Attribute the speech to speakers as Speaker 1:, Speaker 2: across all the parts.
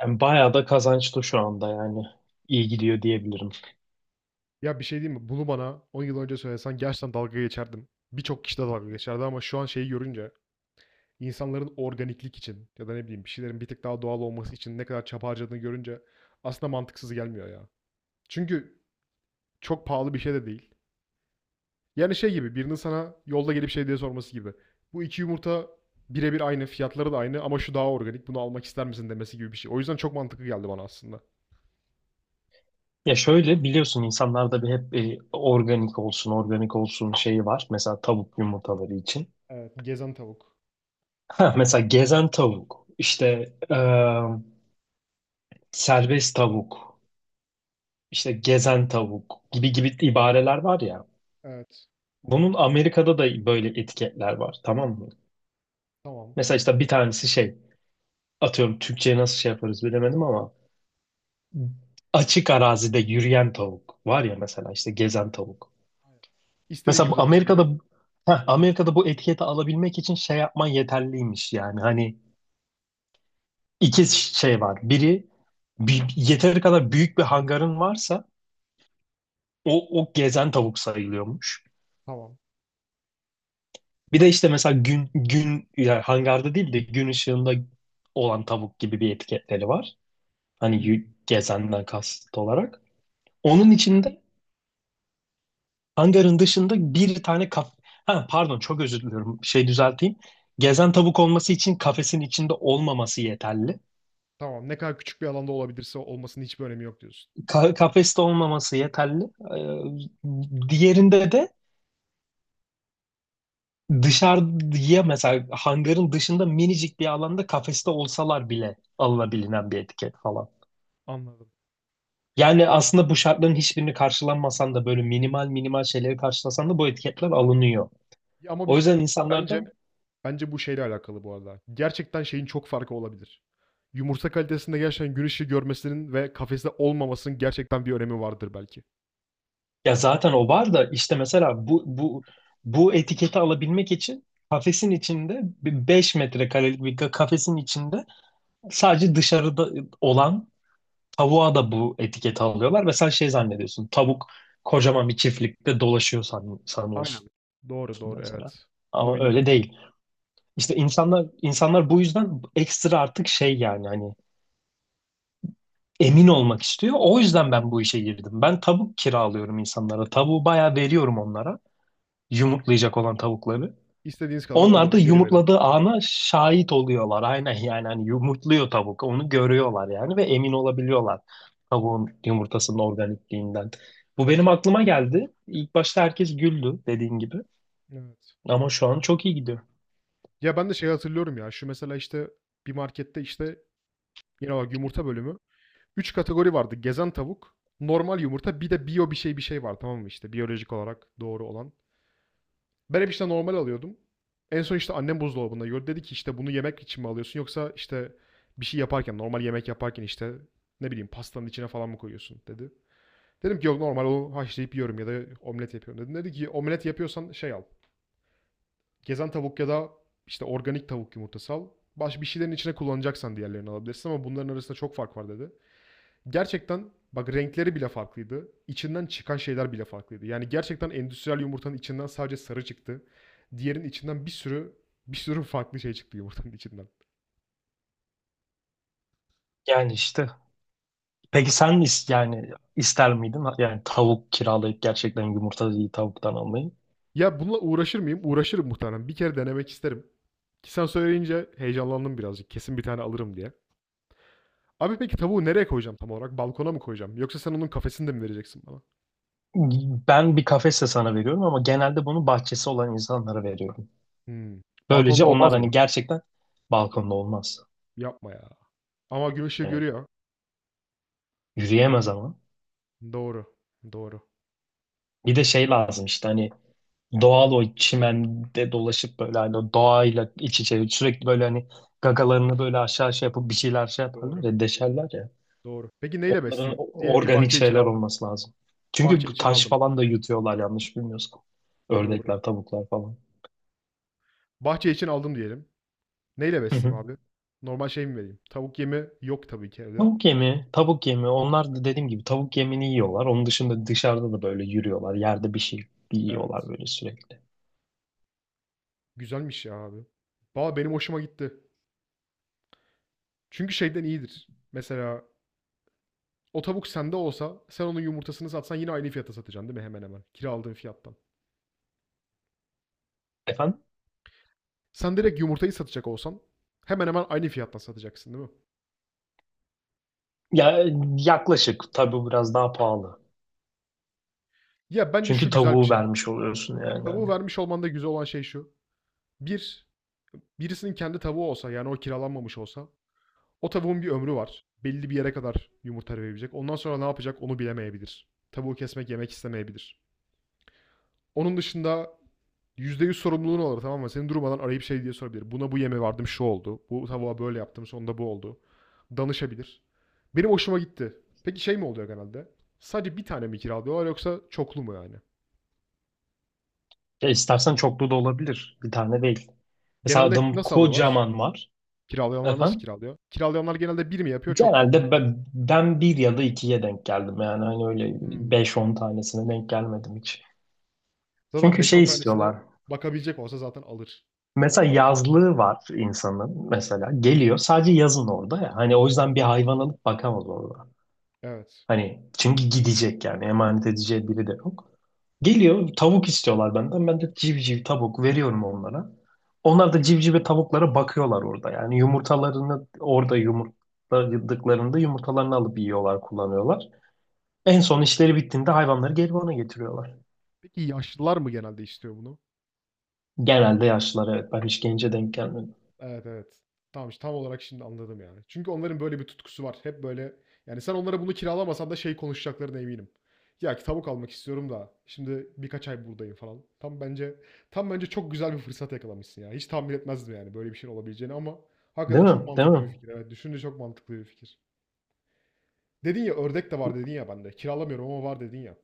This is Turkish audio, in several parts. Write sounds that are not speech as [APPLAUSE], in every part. Speaker 1: Yani bayağı da kazançlı şu anda yani. İyi gidiyor diyebilirim.
Speaker 2: Ya bir şey diyeyim mi? Bunu bana 10 yıl önce söylesen gerçekten dalga geçerdim. Birçok kişi de dalga geçerdi ama şu an şeyi görünce insanların organiklik için ya da ne bileyim bir şeylerin bir tık daha doğal olması için ne kadar çaba harcadığını görünce aslında mantıksız gelmiyor ya. Çünkü çok pahalı bir şey de değil. Yani şey gibi birinin sana yolda gelip şey diye sorması gibi. Bu iki yumurta birebir aynı, fiyatları da aynı ama şu daha organik, bunu almak ister misin demesi gibi bir şey. O yüzden çok mantıklı geldi bana aslında.
Speaker 1: Ya şöyle biliyorsun, insanlarda bir hep organik olsun, organik olsun şeyi var. Mesela tavuk yumurtaları için. [LAUGHS]
Speaker 2: Evet, gezen tavuk.
Speaker 1: Ha, mesela gezen tavuk, işte e, serbest tavuk, işte gezen tavuk gibi gibi ibareler var ya.
Speaker 2: Evet,
Speaker 1: Bunun Amerika'da da böyle etiketler var, tamam mı?
Speaker 2: tamam.
Speaker 1: Mesela işte bir tanesi şey, atıyorum Türkçe'ye nasıl şey yaparız bilemedim ama açık arazide yürüyen tavuk var ya, mesela işte gezen
Speaker 2: Aynen,
Speaker 1: tavuk.
Speaker 2: aynen. İstediği
Speaker 1: Mesela
Speaker 2: gibi
Speaker 1: bu
Speaker 2: dolaşabiliyor.
Speaker 1: Amerika'da bu etiketi alabilmek için şey yapman yeterliymiş yani. Hani iki şey var. Biri, yeteri kadar büyük bir hangarın varsa o gezen tavuk sayılıyormuş.
Speaker 2: Tamam.
Speaker 1: Bir de işte mesela gün gün yani hangarda değil de gün ışığında olan tavuk gibi bir etiketleri var. Hani
Speaker 2: Hımm.
Speaker 1: gezenden kasıt olarak. Onun içinde hangarın dışında bir tane kaf... Ha, pardon, çok özür diliyorum. Şey düzelteyim. Gezen tavuk olması için kafesin içinde olmaması yeterli.
Speaker 2: Tamam, ne kadar küçük bir alanda olabilirse olmasının hiçbir önemi yok diyorsun.
Speaker 1: Kafeste olmaması yeterli. Diğerinde de dışarıya, mesela hangarın dışında minicik bir alanda kafeste olsalar bile alınabilinen bir etiket falan.
Speaker 2: Anladım.
Speaker 1: Yani aslında bu şartların hiçbirini karşılanmasan da, böyle minimal minimal şeyleri karşılasan da bu etiketler alınıyor.
Speaker 2: Ya, ama bir
Speaker 1: O
Speaker 2: şey
Speaker 1: yüzden
Speaker 2: diyeyim mi? Bence
Speaker 1: insanlardan...
Speaker 2: Bence bu şeyle alakalı bu arada. Gerçekten şeyin çok farkı olabilir. Yumurta kalitesinde gerçekten gün ışığı görmesinin ve kafeste olmamasının gerçekten bir önemi vardır belki.
Speaker 1: Ya zaten o var da, işte mesela bu etiketi alabilmek için kafesin içinde, bir 5 metrekarelik bir kafesin içinde, sadece dışarıda olan tavuğa da bu etiketi alıyorlar ve sen şey zannediyorsun, tavuk kocaman bir çiftlikte dolaşıyor sanıyorsun
Speaker 2: Aynen. Doğru doğru
Speaker 1: mesela.
Speaker 2: evet. Bunu
Speaker 1: Ama öyle
Speaker 2: bilmiyordum.
Speaker 1: değil. İşte insanlar insanlar bu yüzden ekstra artık şey, yani hani emin olmak istiyor. O yüzden ben bu işe girdim. Ben tavuk kiralıyorum insanlara. Tavuğu bayağı veriyorum onlara,
Speaker 2: Aynen.
Speaker 1: yumurtlayacak olan tavukları.
Speaker 2: İstediğiniz kadar
Speaker 1: Onlar da
Speaker 2: kullanın geri verin.
Speaker 1: yumurtladığı ana şahit oluyorlar. Aynen, yani hani yumurtluyor tavuk. Onu görüyorlar yani ve emin olabiliyorlar tavuğun yumurtasının organikliğinden. Bu benim aklıma geldi. İlk başta herkes güldü dediğin gibi.
Speaker 2: Evet.
Speaker 1: Ama şu an çok iyi gidiyor.
Speaker 2: Ya ben de şey hatırlıyorum ya. Şu mesela işte bir markette işte yine bak yumurta bölümü. Üç kategori vardı. Gezen tavuk, normal yumurta, bir de biyo bir şey bir şey var tamam mı işte biyolojik olarak doğru olan. Ben hep işte normal alıyordum. En son işte annem buzdolabında gördü. Dedi ki işte bunu yemek için mi alıyorsun yoksa işte bir şey yaparken normal yemek yaparken işte ne bileyim pastanın içine falan mı koyuyorsun dedi. Dedim ki yok normal onu haşlayıp yiyorum ya da omlet yapıyorum dedim. Dedi ki omlet yapıyorsan şey al. Gezen tavuk ya da işte organik tavuk yumurtası al. Baş bir şeylerin içine kullanacaksan diğerlerini alabilirsin ama bunların arasında çok fark var dedi. Gerçekten bak renkleri bile farklıydı. İçinden çıkan şeyler bile farklıydı. Yani gerçekten endüstriyel yumurtanın içinden sadece sarı çıktı. Diğerinin içinden bir sürü bir sürü farklı şey çıktı yumurtanın içinden.
Speaker 1: Yani işte. Peki sen yani ister miydin yani tavuk kiralayıp gerçekten yumurtayı tavuktan almayı?
Speaker 2: Ya bununla uğraşır mıyım? Uğraşırım muhtemelen. Bir kere denemek isterim. Ki sen söyleyince heyecanlandım birazcık. Kesin bir tane alırım diye. Abi peki tavuğu nereye koyacağım tam olarak? Balkona mı koyacağım? Yoksa sen onun kafesini de mi vereceksin bana?
Speaker 1: Ben bir kafese sana veriyorum ama genelde bunu bahçesi olan insanlara veriyorum.
Speaker 2: Hımm.
Speaker 1: Böylece
Speaker 2: Balkonda
Speaker 1: onlar
Speaker 2: olmaz
Speaker 1: hani
Speaker 2: mı?
Speaker 1: gerçekten... Balkonda olmaz.
Speaker 2: Yapma ya. Ama gün ışığı
Speaker 1: Evet.
Speaker 2: görüyor.
Speaker 1: Yürüyemez ama.
Speaker 2: Doğru, doğru,
Speaker 1: Bir de şey lazım, işte hani doğal, o çimende dolaşıp böyle, hani o doğayla iç içe sürekli böyle, hani gagalarını böyle aşağı şey yapıp bir şeyler şey yaparlar
Speaker 2: doğru,
Speaker 1: ya, deşerler ya.
Speaker 2: doğru. Peki neyle
Speaker 1: Onların
Speaker 2: besleyeyim?
Speaker 1: o-
Speaker 2: Diyelim ki
Speaker 1: organik
Speaker 2: bahçe için
Speaker 1: şeyler
Speaker 2: aldım.
Speaker 1: olması lazım. Çünkü
Speaker 2: Bahçe
Speaker 1: bu
Speaker 2: için
Speaker 1: taş
Speaker 2: aldım.
Speaker 1: falan da yutuyorlar yanlış bilmiyorsam.
Speaker 2: Doğru.
Speaker 1: Ördekler, tavuklar falan.
Speaker 2: Bahçe için aldım diyelim. Neyle
Speaker 1: Hı hı.
Speaker 2: besleyeyim abi? Normal şey mi vereyim? Tavuk yemi yok tabii ki evde.
Speaker 1: Tavuk yemi, tavuk yemi. Onlar da dediğim gibi tavuk yemini yiyorlar. Onun dışında dışarıda da böyle yürüyorlar. Yerde bir şey yiyorlar
Speaker 2: Evet.
Speaker 1: böyle sürekli.
Speaker 2: Güzelmiş ya abi. Valla benim hoşuma gitti. Çünkü şeyden iyidir. Mesela o tavuk sende olsa sen onun yumurtasını satsan yine aynı fiyata satacaksın değil mi hemen hemen? Kira aldığın fiyattan.
Speaker 1: Efendim?
Speaker 2: Sen direkt yumurtayı satacak olsan hemen hemen aynı fiyattan satacaksın değil mi?
Speaker 1: Ya, yaklaşık tabii, biraz daha pahalı.
Speaker 2: Ya, bence
Speaker 1: Çünkü
Speaker 2: şu güzel bir
Speaker 1: tavuğu
Speaker 2: şey.
Speaker 1: vermiş oluyorsun yani.
Speaker 2: Tavuğu
Speaker 1: Hani.
Speaker 2: vermiş olmanda güzel olan şey şu. bir birisinin kendi tavuğu olsa, yani o kiralanmamış olsa, o tavuğun bir ömrü var. Belli bir yere kadar yumurta verebilecek. Ondan sonra ne yapacak onu bilemeyebilir. Tavuğu kesmek, yemek istemeyebilir. Onun dışında %100 sorumluluğun olur tamam mı? Seni durmadan arayıp şey diye sorabilir. Buna bu yeme vardım şu oldu. Bu tavuğa böyle yaptım sonunda bu oldu. Danışabilir. Benim hoşuma gitti. Peki şey mi oluyor genelde? Sadece bir tane mi kiralıyorlar yoksa çoklu mu yani?
Speaker 1: Ya istersen çoklu da olabilir. Bir tane değil. Mesela
Speaker 2: Genelde
Speaker 1: adam
Speaker 2: nasıl alıyorlar?
Speaker 1: kocaman var.
Speaker 2: Kiralayanlar nasıl
Speaker 1: Efendim?
Speaker 2: kiralıyor? Kiralayanlar genelde bir mi yapıyor, çoklu mu?
Speaker 1: Genelde ben bir ya da ikiye denk geldim. Yani hani öyle
Speaker 2: Hımm.
Speaker 1: beş on tanesine denk gelmedim hiç.
Speaker 2: Zaten
Speaker 1: Çünkü
Speaker 2: beş
Speaker 1: şey
Speaker 2: on tanesine
Speaker 1: istiyorlar.
Speaker 2: bakabilecek olsa zaten alır.
Speaker 1: Mesela
Speaker 2: Çabuk alır.
Speaker 1: yazlığı var insanın mesela. Geliyor sadece yazın orada ya. Hani o yüzden bir
Speaker 2: Evet,
Speaker 1: hayvan alıp bakamaz orada.
Speaker 2: evet.
Speaker 1: Hani çünkü gidecek, yani emanet edeceği biri de yok. Geliyor, tavuk istiyorlar benden. Ben de civciv tavuk veriyorum onlara. Onlar da civciv ve tavuklara bakıyorlar orada. Yani yumurtalarını orada yumurtladıklarında yumurtalarını alıp yiyorlar, kullanıyorlar. En son işleri bittiğinde hayvanları geri bana getiriyorlar.
Speaker 2: Peki yaşlılar mı genelde istiyor bunu?
Speaker 1: Genelde yaşlılar, evet. Ben hiç gence denk gelmedim.
Speaker 2: Evet, evet. Tamam, işte tam olarak şimdi anladım yani. Çünkü onların böyle bir tutkusu var. Hep böyle yani sen onlara bunu kiralamasan da şey konuşacaklarına eminim. "Ya, ki tavuk almak istiyorum da şimdi birkaç ay buradayım." falan. Tam bence çok güzel bir fırsat yakalamışsın ya. Hiç tahmin etmezdim yani böyle bir şeyin olabileceğini ama hakikaten
Speaker 1: Değil mi?
Speaker 2: çok
Speaker 1: Değil
Speaker 2: mantıklı bir
Speaker 1: mi?
Speaker 2: fikir. Evet, düşününce çok mantıklı bir fikir. Dedin ya ördek de var dedin ya bende. Kiralamıyorum ama var dedin ya.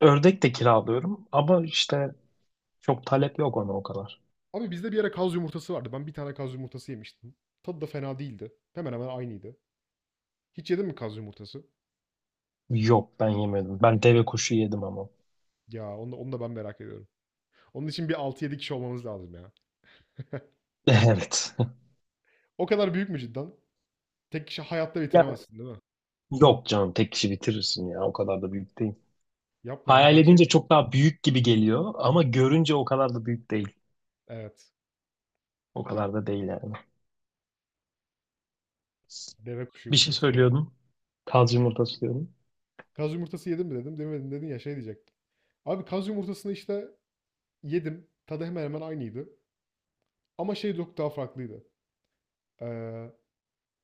Speaker 1: Ördek de kiralıyorum ama işte çok talep yok ona o kadar.
Speaker 2: Abi bizde bir ara kaz yumurtası vardı. Ben bir tane kaz yumurtası yemiştim. Tadı da fena değildi. Hemen hemen aynıydı. Hiç yedin mi kaz yumurtası?
Speaker 1: Yok, ben yemedim. Ben deve kuşu yedim ama.
Speaker 2: Onu da ben merak ediyorum. Onun için bir altı 7 kişi olmamız lazım ya.
Speaker 1: [LAUGHS] Evet.
Speaker 2: O kadar büyük mü cidden? Tek kişi hayatta
Speaker 1: Ya,
Speaker 2: bitiremezsin değil mi?
Speaker 1: yok canım, tek kişi bitirirsin ya, o kadar da büyük değil.
Speaker 2: Yapma ya
Speaker 1: Hayal
Speaker 2: ben şey...
Speaker 1: edince çok daha büyük gibi geliyor ama görünce o kadar da büyük değil.
Speaker 2: Evet.
Speaker 1: O kadar da değil yani.
Speaker 2: Deve kuşu
Speaker 1: Bir şey
Speaker 2: yumurtası ya.
Speaker 1: söylüyordum. Kaz yumurtası diyordum.
Speaker 2: Kaz yumurtası yedin mi dedim. Demedim dedin ya şey diyecektim. Abi kaz yumurtasını işte yedim. Tadı hemen hemen aynıydı. Ama şey çok daha farklıydı. Ee,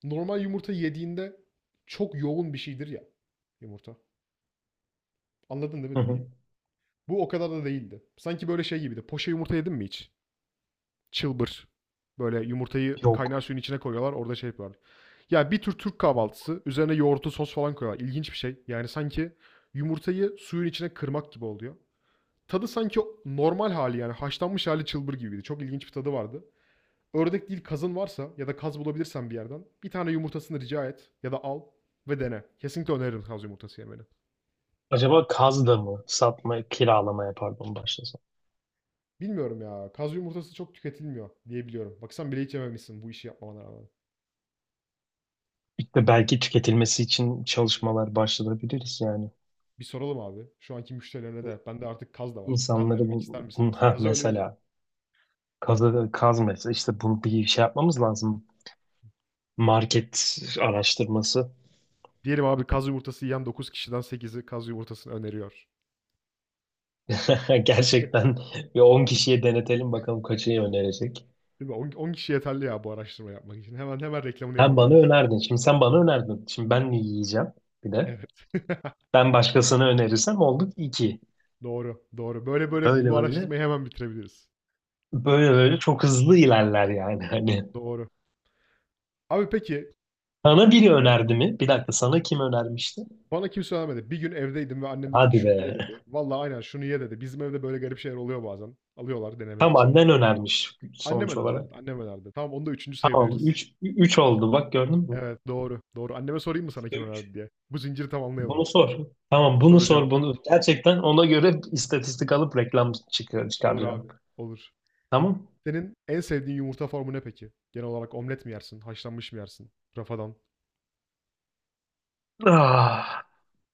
Speaker 2: Normal yumurta yediğinde çok yoğun bir şeydir ya yumurta. Anladın değil mi
Speaker 1: Hı hı.
Speaker 2: dediğimi? Bu o kadar da değildi. Sanki böyle şey gibiydi. Poşe yumurta yedin mi hiç? Çılbır. Böyle yumurtayı kaynar
Speaker 1: Yok.
Speaker 2: suyun içine koyuyorlar. Orada şey yapıyorlar. Ya bir tür Türk
Speaker 1: Yok.
Speaker 2: kahvaltısı. Üzerine yoğurtlu sos falan koyuyorlar. İlginç bir şey. Yani sanki yumurtayı suyun içine kırmak gibi oluyor. Tadı sanki normal hali yani haşlanmış hali çılbır gibiydi. Çok ilginç bir tadı vardı. Ördek değil kazın varsa ya da kaz bulabilirsen bir yerden bir tane yumurtasını rica et ya da al ve dene. Kesinlikle öneririm kaz yumurtası yemeni.
Speaker 1: Acaba kaz da mı? Satma, kiralamaya pardon, başlasam.
Speaker 2: Bilmiyorum ya kaz yumurtası çok tüketilmiyor diye biliyorum. Bak sen bile hiç yememişsin bu işi yapmamana rağmen.
Speaker 1: İşte belki tüketilmesi için çalışmalar başlatabiliriz yani.
Speaker 2: Bir soralım abi. Şu anki müşterilerine de bende artık kaz da var. Kaz
Speaker 1: İnsanları
Speaker 2: denemek ister misiniz? Kazı öneririm.
Speaker 1: mesela kazı, kaz mesela, işte bunu bir şey yapmamız lazım. Market araştırması.
Speaker 2: Diyelim abi kaz yumurtası yiyen 9 kişiden 8'i kaz yumurtasını öneriyor.
Speaker 1: [LAUGHS] Gerçekten bir 10 kişiye denetelim bakalım kaçı önerecek.
Speaker 2: Değil mi? 10, 10 kişi yeterli ya bu araştırma yapmak için. Hemen hemen reklamını
Speaker 1: Sen bana
Speaker 2: yapabiliriz.
Speaker 1: önerdin. Şimdi sen bana önerdin. Şimdi ben mi yiyeceğim bir de?
Speaker 2: Evet. [LAUGHS]
Speaker 1: Ben başkasına önerirsem olduk 2.
Speaker 2: Doğru, doğru. Böyle böyle
Speaker 1: Böyle
Speaker 2: bu
Speaker 1: böyle.
Speaker 2: araştırmayı hemen bitirebiliriz.
Speaker 1: Böyle böyle çok hızlı ilerler yani. [LAUGHS] Hani
Speaker 2: Doğru. Abi peki
Speaker 1: sana biri önerdi mi? Bir dakika, sana kim önermişti?
Speaker 2: bana kimse söylemedi. Bir gün evdeydim ve annem dedi ki
Speaker 1: Hadi
Speaker 2: şunu ye
Speaker 1: be.
Speaker 2: dedi. Vallahi aynen şunu ye dedi. Bizim evde böyle garip şeyler oluyor bazen. Alıyorlar denemek
Speaker 1: Tam
Speaker 2: için.
Speaker 1: annen önermiş
Speaker 2: Annem
Speaker 1: sonuç
Speaker 2: önerdi evet.
Speaker 1: olarak.
Speaker 2: Annem önerdi. Tamam onu da üçüncü
Speaker 1: Tamam,
Speaker 2: sayabiliriz.
Speaker 1: 3 3 oldu, bak gördün mü?
Speaker 2: Evet doğru. Doğru. Anneme sorayım mı sana
Speaker 1: 3'te
Speaker 2: kim
Speaker 1: 3.
Speaker 2: önerdi diye. Bu zinciri tamamlayalım.
Speaker 1: Bunu sor. Tamam, bunu
Speaker 2: Soracağım.
Speaker 1: sor, bunu. Gerçekten ona göre istatistik alıp reklam çıkıyor,
Speaker 2: Olur
Speaker 1: çıkaracağım.
Speaker 2: abi. Olur.
Speaker 1: Tamam.
Speaker 2: Senin en sevdiğin yumurta formu ne peki? Genel olarak omlet mi yersin? Haşlanmış mı yersin? Rafadan.
Speaker 1: Ah,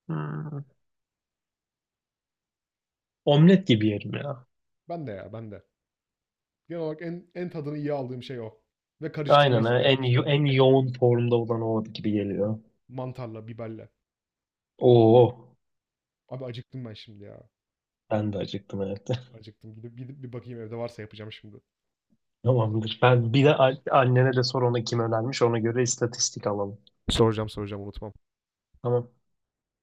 Speaker 1: hmm. Omlet gibi yerim ya.
Speaker 2: Ben de ya ben de. Genel olarak en tadını iyi aldığım şey o. Ve karıştırmayı
Speaker 1: Aynen ha.
Speaker 2: severim
Speaker 1: en
Speaker 2: işte.
Speaker 1: yo- en yoğun formda olan o gibi geliyor.
Speaker 2: Mantarla, biberle.
Speaker 1: Oo,
Speaker 2: Abi acıktım ben şimdi ya.
Speaker 1: ben de acıktım evet.
Speaker 2: Acıktım. Gidip gidip bir bakayım evde varsa yapacağım şimdi.
Speaker 1: [LAUGHS] Tamamdır. Ben bir de
Speaker 2: Tamam.
Speaker 1: annene de sor, ona kim önermiş, ona göre istatistik alalım.
Speaker 2: Soracağım soracağım unutmam.
Speaker 1: Tamam.